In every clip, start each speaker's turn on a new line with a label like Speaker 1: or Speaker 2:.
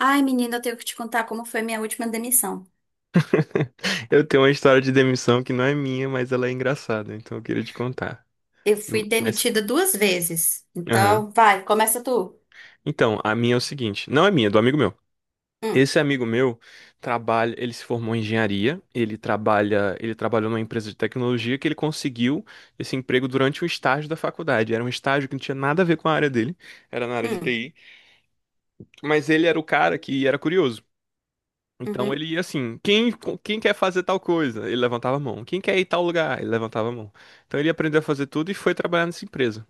Speaker 1: Ai, menina, eu tenho que te contar como foi minha última demissão.
Speaker 2: Eu tenho uma história de demissão que não é minha, mas ela é engraçada, então eu queria te contar.
Speaker 1: Eu fui
Speaker 2: Mas,
Speaker 1: demitida duas vezes.
Speaker 2: aham.
Speaker 1: Então, vai, começa tu.
Speaker 2: Então, a minha é o seguinte, não é minha, é do amigo meu.
Speaker 1: Hum,
Speaker 2: Esse amigo meu trabalha, ele se formou em engenharia, ele trabalhou numa empresa de tecnologia que ele conseguiu esse emprego durante um estágio da faculdade. Era um estágio que não tinha nada a ver com a área dele, era na área de
Speaker 1: hum,
Speaker 2: TI, mas ele era o cara que era curioso. Então
Speaker 1: uhum.
Speaker 2: ele ia assim, quem quer fazer tal coisa? Ele levantava a mão. Quem quer ir tal lugar? Ele levantava a mão. Então ele aprendeu a fazer tudo e foi trabalhar nessa empresa.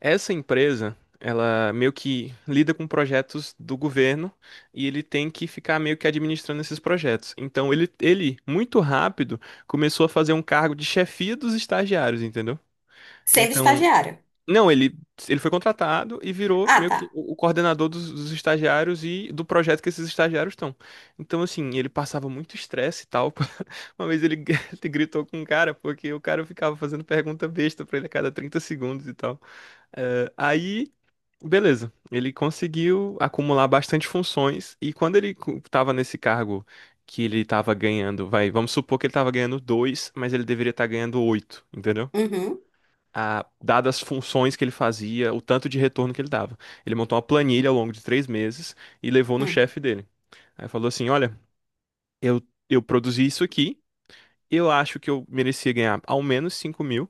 Speaker 2: Essa empresa, ela meio que lida com projetos do governo e ele tem que ficar meio que administrando esses projetos. Então ele muito rápido, começou a fazer um cargo de chefia dos estagiários, entendeu?
Speaker 1: Sendo
Speaker 2: Então
Speaker 1: estagiária.
Speaker 2: não, ele foi contratado e virou
Speaker 1: Ah,
Speaker 2: meio que
Speaker 1: tá.
Speaker 2: o coordenador dos estagiários e do projeto que esses estagiários estão. Então, assim, ele passava muito estresse e tal. Uma vez ele gritou com um cara, porque o cara ficava fazendo pergunta besta pra ele a cada 30 segundos e tal. Eh, aí, Beleza, ele conseguiu acumular bastante funções e quando ele tava nesse cargo que ele tava ganhando, vai, vamos supor que ele tava ganhando dois, mas ele deveria estar ganhando oito, entendeu?
Speaker 1: Uhum,
Speaker 2: Dadas as funções que ele fazia, o tanto de retorno que ele dava. Ele montou uma planilha ao longo de 3 meses e levou no
Speaker 1: hum.
Speaker 2: chefe dele. Aí falou assim: Olha, eu, eu produzi isso aqui, eu acho que eu merecia ganhar ao menos 5 mil.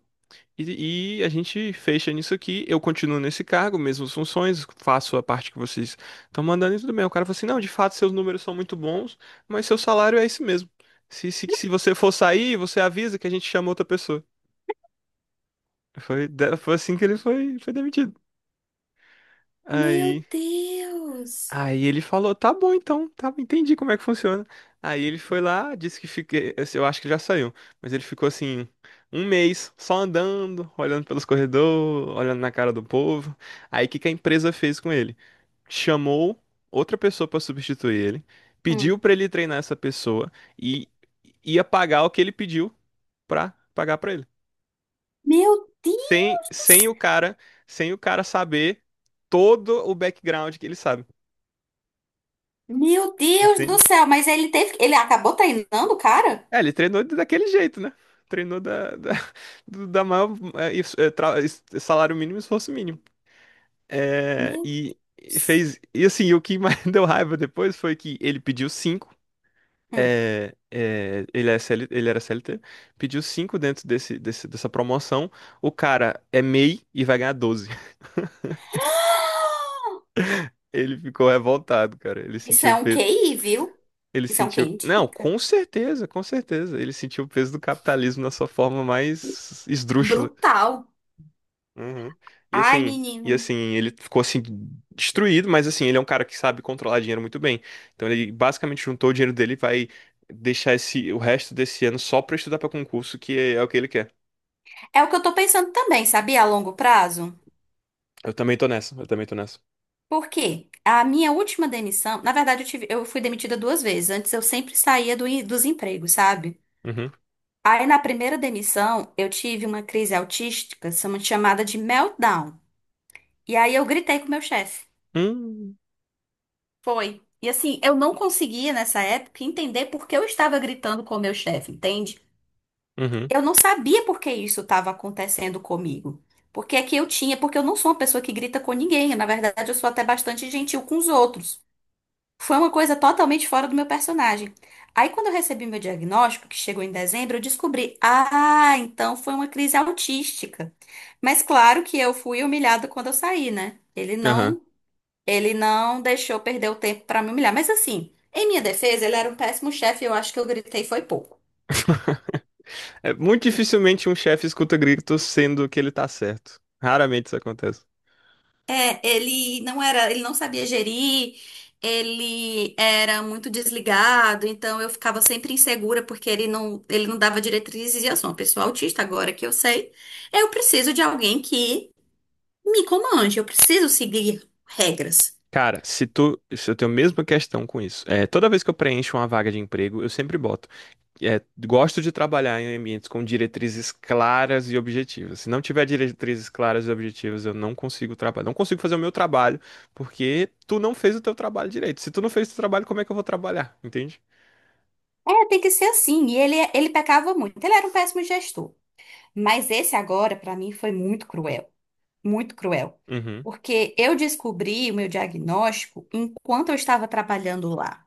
Speaker 2: E a gente fecha nisso aqui, eu continuo nesse cargo, mesmas funções, faço a parte que vocês estão mandando e tudo bem. O cara falou assim: não, de fato seus números são muito bons, mas seu salário é esse mesmo. Se você for sair, você avisa que a gente chama outra pessoa. Foi assim que ele foi demitido.
Speaker 1: Meu
Speaker 2: Aí
Speaker 1: Deus!
Speaker 2: Aí ele falou, tá bom então, tá, entendi como é que funciona. Aí ele foi lá, disse que fiquei, assim, eu acho que já saiu, mas ele ficou assim um mês só andando, olhando pelos corredores, olhando na cara do povo. Aí o que que a empresa fez com ele? Chamou outra pessoa pra substituir ele, pediu
Speaker 1: Hum.
Speaker 2: pra ele treinar essa pessoa e ia pagar o que ele pediu pra pagar pra ele.
Speaker 1: Meu Deus!
Speaker 2: Sem, sem o cara, Sem o cara saber todo o background que ele sabe.
Speaker 1: Meu Deus do
Speaker 2: Entende?
Speaker 1: céu! Mas ele acabou treinando o cara?
Speaker 2: É, ele treinou daquele jeito, né? Treinou da maior é, isso, é, salário mínimo e esforço mínimo. É,
Speaker 1: Meu
Speaker 2: e
Speaker 1: Deus!
Speaker 2: fez. E assim, o que mais deu raiva depois foi que ele pediu cinco.
Speaker 1: Hum.
Speaker 2: Ele, é CL ele era CLT, pediu cinco dentro dessa promoção. O cara é MEI e vai ganhar 12. Ele ficou revoltado, cara. Ele
Speaker 1: Isso
Speaker 2: sentiu
Speaker 1: é
Speaker 2: o
Speaker 1: um
Speaker 2: peso.
Speaker 1: QI, viu?
Speaker 2: Ele
Speaker 1: Isso é um QI
Speaker 2: sentiu. Não,
Speaker 1: indica.
Speaker 2: com certeza, com certeza. Ele sentiu o peso do capitalismo na sua forma mais esdrúxula.
Speaker 1: Brutal.
Speaker 2: Uhum. E
Speaker 1: Ai,
Speaker 2: assim, e
Speaker 1: menino.
Speaker 2: assim, ele ficou assim destruído, mas assim, ele é um cara que sabe controlar dinheiro muito bem. Então ele basicamente juntou o dinheiro dele e vai deixar esse o resto desse ano só pra estudar pra concurso, que é, o que ele quer.
Speaker 1: É o que eu tô pensando também, sabia? A longo prazo.
Speaker 2: Eu também tô nessa, eu também tô nessa.
Speaker 1: Por quê? A minha última demissão, na verdade, eu fui demitida duas vezes. Antes eu sempre saía dos empregos, sabe?
Speaker 2: Uhum.
Speaker 1: Aí na primeira demissão, eu tive uma crise autística, chamada de meltdown. E aí eu gritei com o meu chefe.
Speaker 2: Hum.
Speaker 1: Foi. E assim, eu não conseguia nessa época entender por que eu estava gritando com o meu chefe, entende?
Speaker 2: Uhum.
Speaker 1: Eu não sabia por que isso estava acontecendo comigo. Porque é que eu tinha, porque eu não sou uma pessoa que grita com ninguém. Na verdade, eu sou até bastante gentil com os outros. Foi uma coisa totalmente fora do meu personagem. Aí, quando eu recebi meu diagnóstico, que chegou em dezembro, eu descobri, ah, então foi uma crise autística. Mas claro que eu fui humilhada quando eu saí, né?
Speaker 2: Aham.
Speaker 1: Ele não deixou perder o tempo para me humilhar. Mas assim, em minha defesa, ele era um péssimo chefe, e eu acho que eu gritei foi pouco.
Speaker 2: É, muito dificilmente um chefe escuta gritos sendo que ele tá certo. Raramente isso acontece.
Speaker 1: É, ele não sabia gerir, ele era muito desligado, então eu ficava sempre insegura porque ele não dava diretrizes e eu sou uma pessoa autista agora que eu sei. Eu preciso de alguém que me comande, eu preciso seguir regras.
Speaker 2: Cara, se eu tenho a mesma questão com isso. É, toda vez que eu preencho uma vaga de emprego, eu sempre boto. É, gosto de trabalhar em ambientes com diretrizes claras e objetivas. Se não tiver diretrizes claras e objetivas, eu não consigo trabalhar. Não consigo fazer o meu trabalho, porque tu não fez o teu trabalho direito. Se tu não fez o teu trabalho, como é que eu vou trabalhar? Entende?
Speaker 1: É, tem que ser assim. E ele pecava muito. Ele era um péssimo gestor. Mas esse agora, pra mim, foi muito cruel. Muito cruel.
Speaker 2: Uhum,
Speaker 1: Porque eu descobri o meu diagnóstico enquanto eu estava trabalhando lá.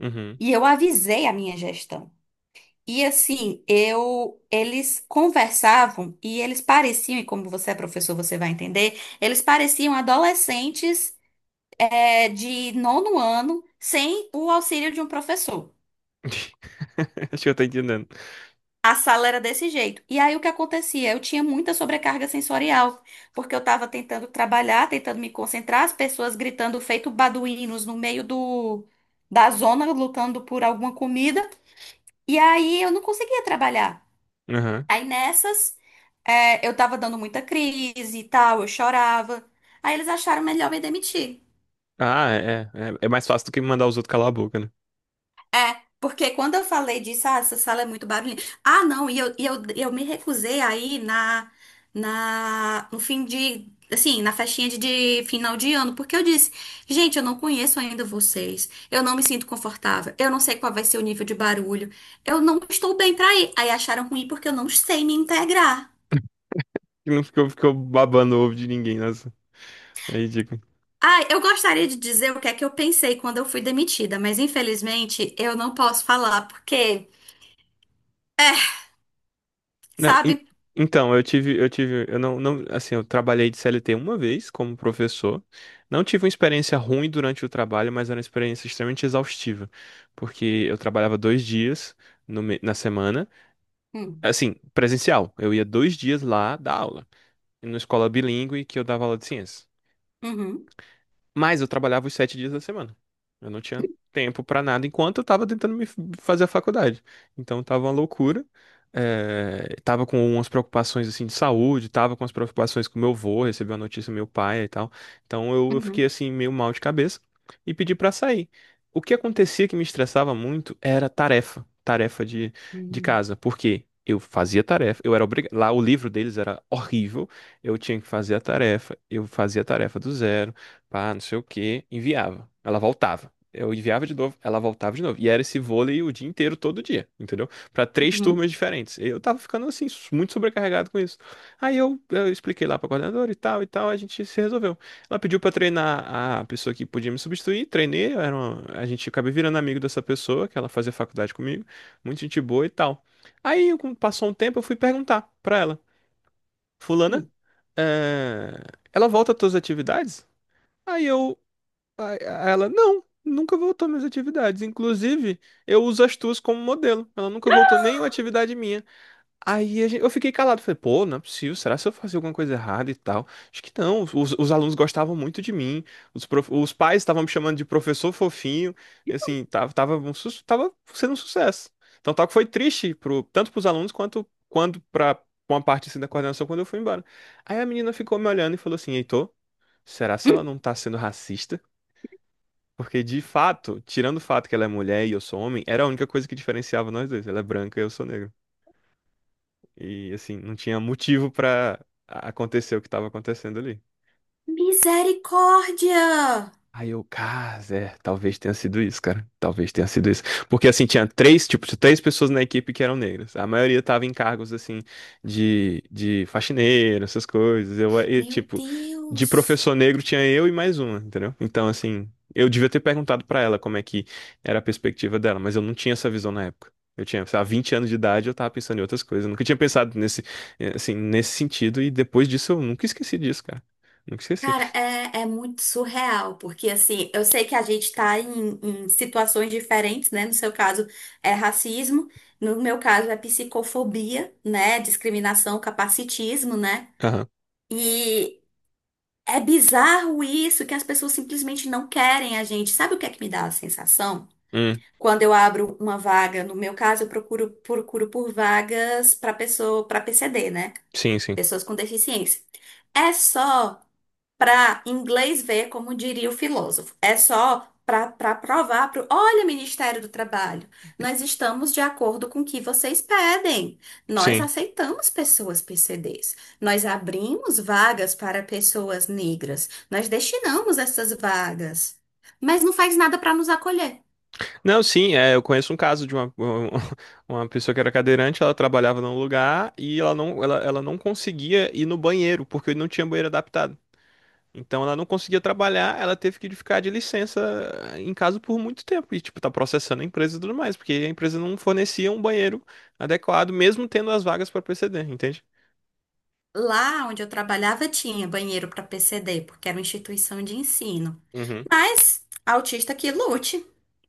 Speaker 2: uhum.
Speaker 1: E eu avisei a minha gestão. E assim, eu eles conversavam e eles pareciam, e como você é professor, você vai entender, eles pareciam adolescentes de nono ano sem o auxílio de um professor.
Speaker 2: Acho que eu tô entendendo.
Speaker 1: A sala era desse jeito. E aí o que acontecia? Eu tinha muita sobrecarga sensorial, porque eu estava tentando trabalhar, tentando me concentrar, as pessoas gritando feito baduínos no meio da zona, lutando por alguma comida. E aí eu não conseguia trabalhar.
Speaker 2: Uhum.
Speaker 1: Aí eu tava dando muita crise e tal, eu chorava. Aí eles acharam melhor me demitir.
Speaker 2: Ah, é, é. É mais fácil do que mandar os outros calar a boca, né?
Speaker 1: É, porque quando eu falei disso, ah, essa sala é muito barulhenta. Ah, não, eu me recusei aí no fim de, assim, na festinha de final de ano, porque eu disse, gente, eu não conheço ainda vocês, eu não me sinto confortável, eu não sei qual vai ser o nível de barulho, eu não estou bem pra ir. Aí acharam ruim porque eu não sei me integrar.
Speaker 2: Que não ficou, ficou babando o ovo de ninguém, nossa. É ridículo.
Speaker 1: Ah, eu gostaria de dizer o que é que eu pensei quando eu fui demitida, mas infelizmente eu não posso falar, porque, é,
Speaker 2: Não,
Speaker 1: sabe?
Speaker 2: então, eu tive, eu tive, eu não, não, assim, eu trabalhei de CLT uma vez como professor. Não tive uma experiência ruim durante o trabalho, mas era uma experiência extremamente exaustiva, porque eu trabalhava 2 dias no me- na semana,
Speaker 1: Hum,
Speaker 2: assim, presencial. Eu ia 2 dias lá dar aula, numa escola bilíngue que eu dava aula de ciência.
Speaker 1: uhum,
Speaker 2: Mas eu trabalhava os 7 dias da semana. Eu não tinha tempo pra nada enquanto eu tava tentando me fazer a faculdade. Então tava uma loucura. É, tava com umas preocupações assim de saúde, tava com as preocupações com meu avô, recebeu a notícia do meu pai e tal. Então eu fiquei
Speaker 1: uhum,
Speaker 2: assim meio mal de cabeça e pedi pra sair. O que acontecia que me estressava muito era tarefa, tarefa de
Speaker 1: uhum,
Speaker 2: casa, porque eu fazia tarefa, eu era obrigado, lá o livro deles era horrível, eu tinha que fazer a tarefa, eu fazia a tarefa do zero pá, não sei o quê, enviava. Ela voltava. Eu enviava de novo, ela voltava de novo. E era esse vôlei o dia inteiro, todo dia, entendeu? Pra três
Speaker 1: uhum,
Speaker 2: turmas diferentes. Eu tava ficando, assim, muito sobrecarregado com isso. Aí eu expliquei lá pra coordenadora e tal, a gente se resolveu. Ela pediu pra treinar a pessoa que podia me substituir, treinei, a gente acabei virando amigo dessa pessoa, que ela fazia faculdade comigo, muito gente boa e tal. Aí, como passou um tempo, eu fui perguntar pra ela, fulana, eh, ela volta às tuas atividades? Aí eu Aí ela, não, nunca voltou minhas atividades. Inclusive, eu uso as tuas como modelo. Ela nunca voltou nenhuma atividade minha. Eu fiquei calado. Falei, pô, não é possível. Será que eu fazia alguma coisa errada e tal? Acho que não. Os alunos gostavam muito de mim. Os pais estavam me chamando de professor fofinho. E, assim, tava sendo um sucesso. Então, tal que foi triste tanto pros alunos quanto quando pra uma parte assim, da coordenação quando eu fui embora. Aí a menina ficou me olhando e falou assim, Heitor, será que
Speaker 1: uhum.
Speaker 2: ela não tá sendo racista? Porque, de fato, tirando o fato que ela é mulher e eu sou homem, era a única coisa que diferenciava nós dois. Ela é branca e eu sou negro. E, assim, não tinha motivo pra acontecer o que tava acontecendo ali.
Speaker 1: Misericórdia!
Speaker 2: Aí eu, cara, é, talvez tenha sido isso, cara. Talvez tenha sido isso. Porque assim, tinha três, tipo, três pessoas na equipe que eram negras. A maioria tava em cargos assim de faxineiro, essas coisas. E,
Speaker 1: Meu
Speaker 2: tipo, de
Speaker 1: Deus!
Speaker 2: professor negro tinha eu e mais uma, entendeu? Então, assim, eu devia ter perguntado pra ela como é que era a perspectiva dela, mas eu não tinha essa visão na época. Eu tinha, sei lá, 20 anos de idade, eu tava pensando em outras coisas. Eu nunca tinha pensado nesse sentido, e depois disso eu nunca esqueci disso, cara. Nunca esqueci.
Speaker 1: Cara, é muito surreal, porque assim, eu sei que a gente tá em situações diferentes, né? No seu caso é racismo, no meu caso é psicofobia, né? Discriminação, capacitismo, né?
Speaker 2: Aham.
Speaker 1: E é bizarro isso, que as pessoas simplesmente não querem a gente. Sabe o que é que me dá a sensação?
Speaker 2: Hum,
Speaker 1: Quando eu abro uma vaga, no meu caso, procuro por vagas para pessoa, para PCD, né?
Speaker 2: sim, sim.
Speaker 1: Pessoas com deficiência. É só para inglês ver, como diria o filósofo. É só para provar para olha, Ministério do Trabalho, nós estamos de acordo com o que vocês pedem. Nós
Speaker 2: Sim.
Speaker 1: aceitamos pessoas PCDs. Nós abrimos vagas para pessoas negras. Nós destinamos essas vagas. Mas não faz nada para nos acolher.
Speaker 2: Não, sim, é, eu conheço um caso de uma, uma pessoa que era cadeirante, ela trabalhava num lugar e ela não conseguia ir no banheiro, porque não tinha banheiro adaptado. Então ela não conseguia trabalhar, ela teve que ficar de licença em casa por muito tempo. E, tipo, tá processando a empresa e tudo mais, porque a empresa não fornecia um banheiro adequado, mesmo tendo as vagas para PCD, entende?
Speaker 1: Lá onde eu trabalhava tinha banheiro para PCD, porque era uma instituição de ensino. Mas autista que lute,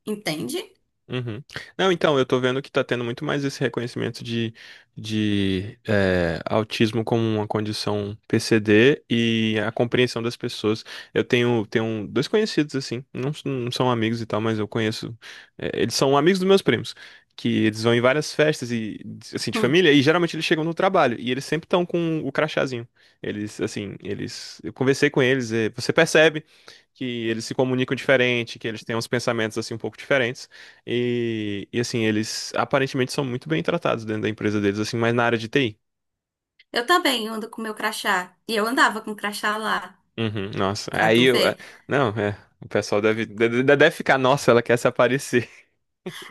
Speaker 1: entende?
Speaker 2: Uhum. Não, então, eu tô vendo que tá tendo muito mais esse reconhecimento de, de autismo como uma condição PCD e a compreensão das pessoas. Eu tenho um, dois conhecidos, assim, não, não são amigos e tal, mas eu conheço. Eles são amigos dos meus primos, que eles vão em várias festas e, assim, de família, e geralmente eles chegam no trabalho, e eles sempre estão com o crachazinho. Eles, assim, eles. Eu conversei com eles, você percebe que eles se comunicam diferente, que eles têm uns pensamentos assim um pouco diferentes. E assim, eles aparentemente são muito bem tratados dentro da empresa deles, assim, mas na área de TI.
Speaker 1: Eu também ando com meu crachá. E eu andava com o crachá lá,
Speaker 2: Uhum, nossa.
Speaker 1: pra
Speaker 2: Aí
Speaker 1: tu
Speaker 2: eu. É,
Speaker 1: ver.
Speaker 2: não, é. O pessoal deve ficar, nossa, ela quer se aparecer.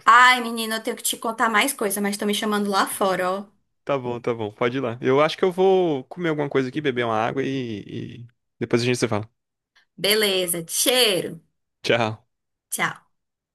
Speaker 1: Ai, menina, eu tenho que te contar mais coisa, mas estão me chamando lá fora, ó.
Speaker 2: Tá bom, pode ir lá. Eu acho que eu vou comer alguma coisa aqui, beber uma água e depois a gente se fala.
Speaker 1: Beleza, cheiro.
Speaker 2: Tchau.
Speaker 1: Tchau.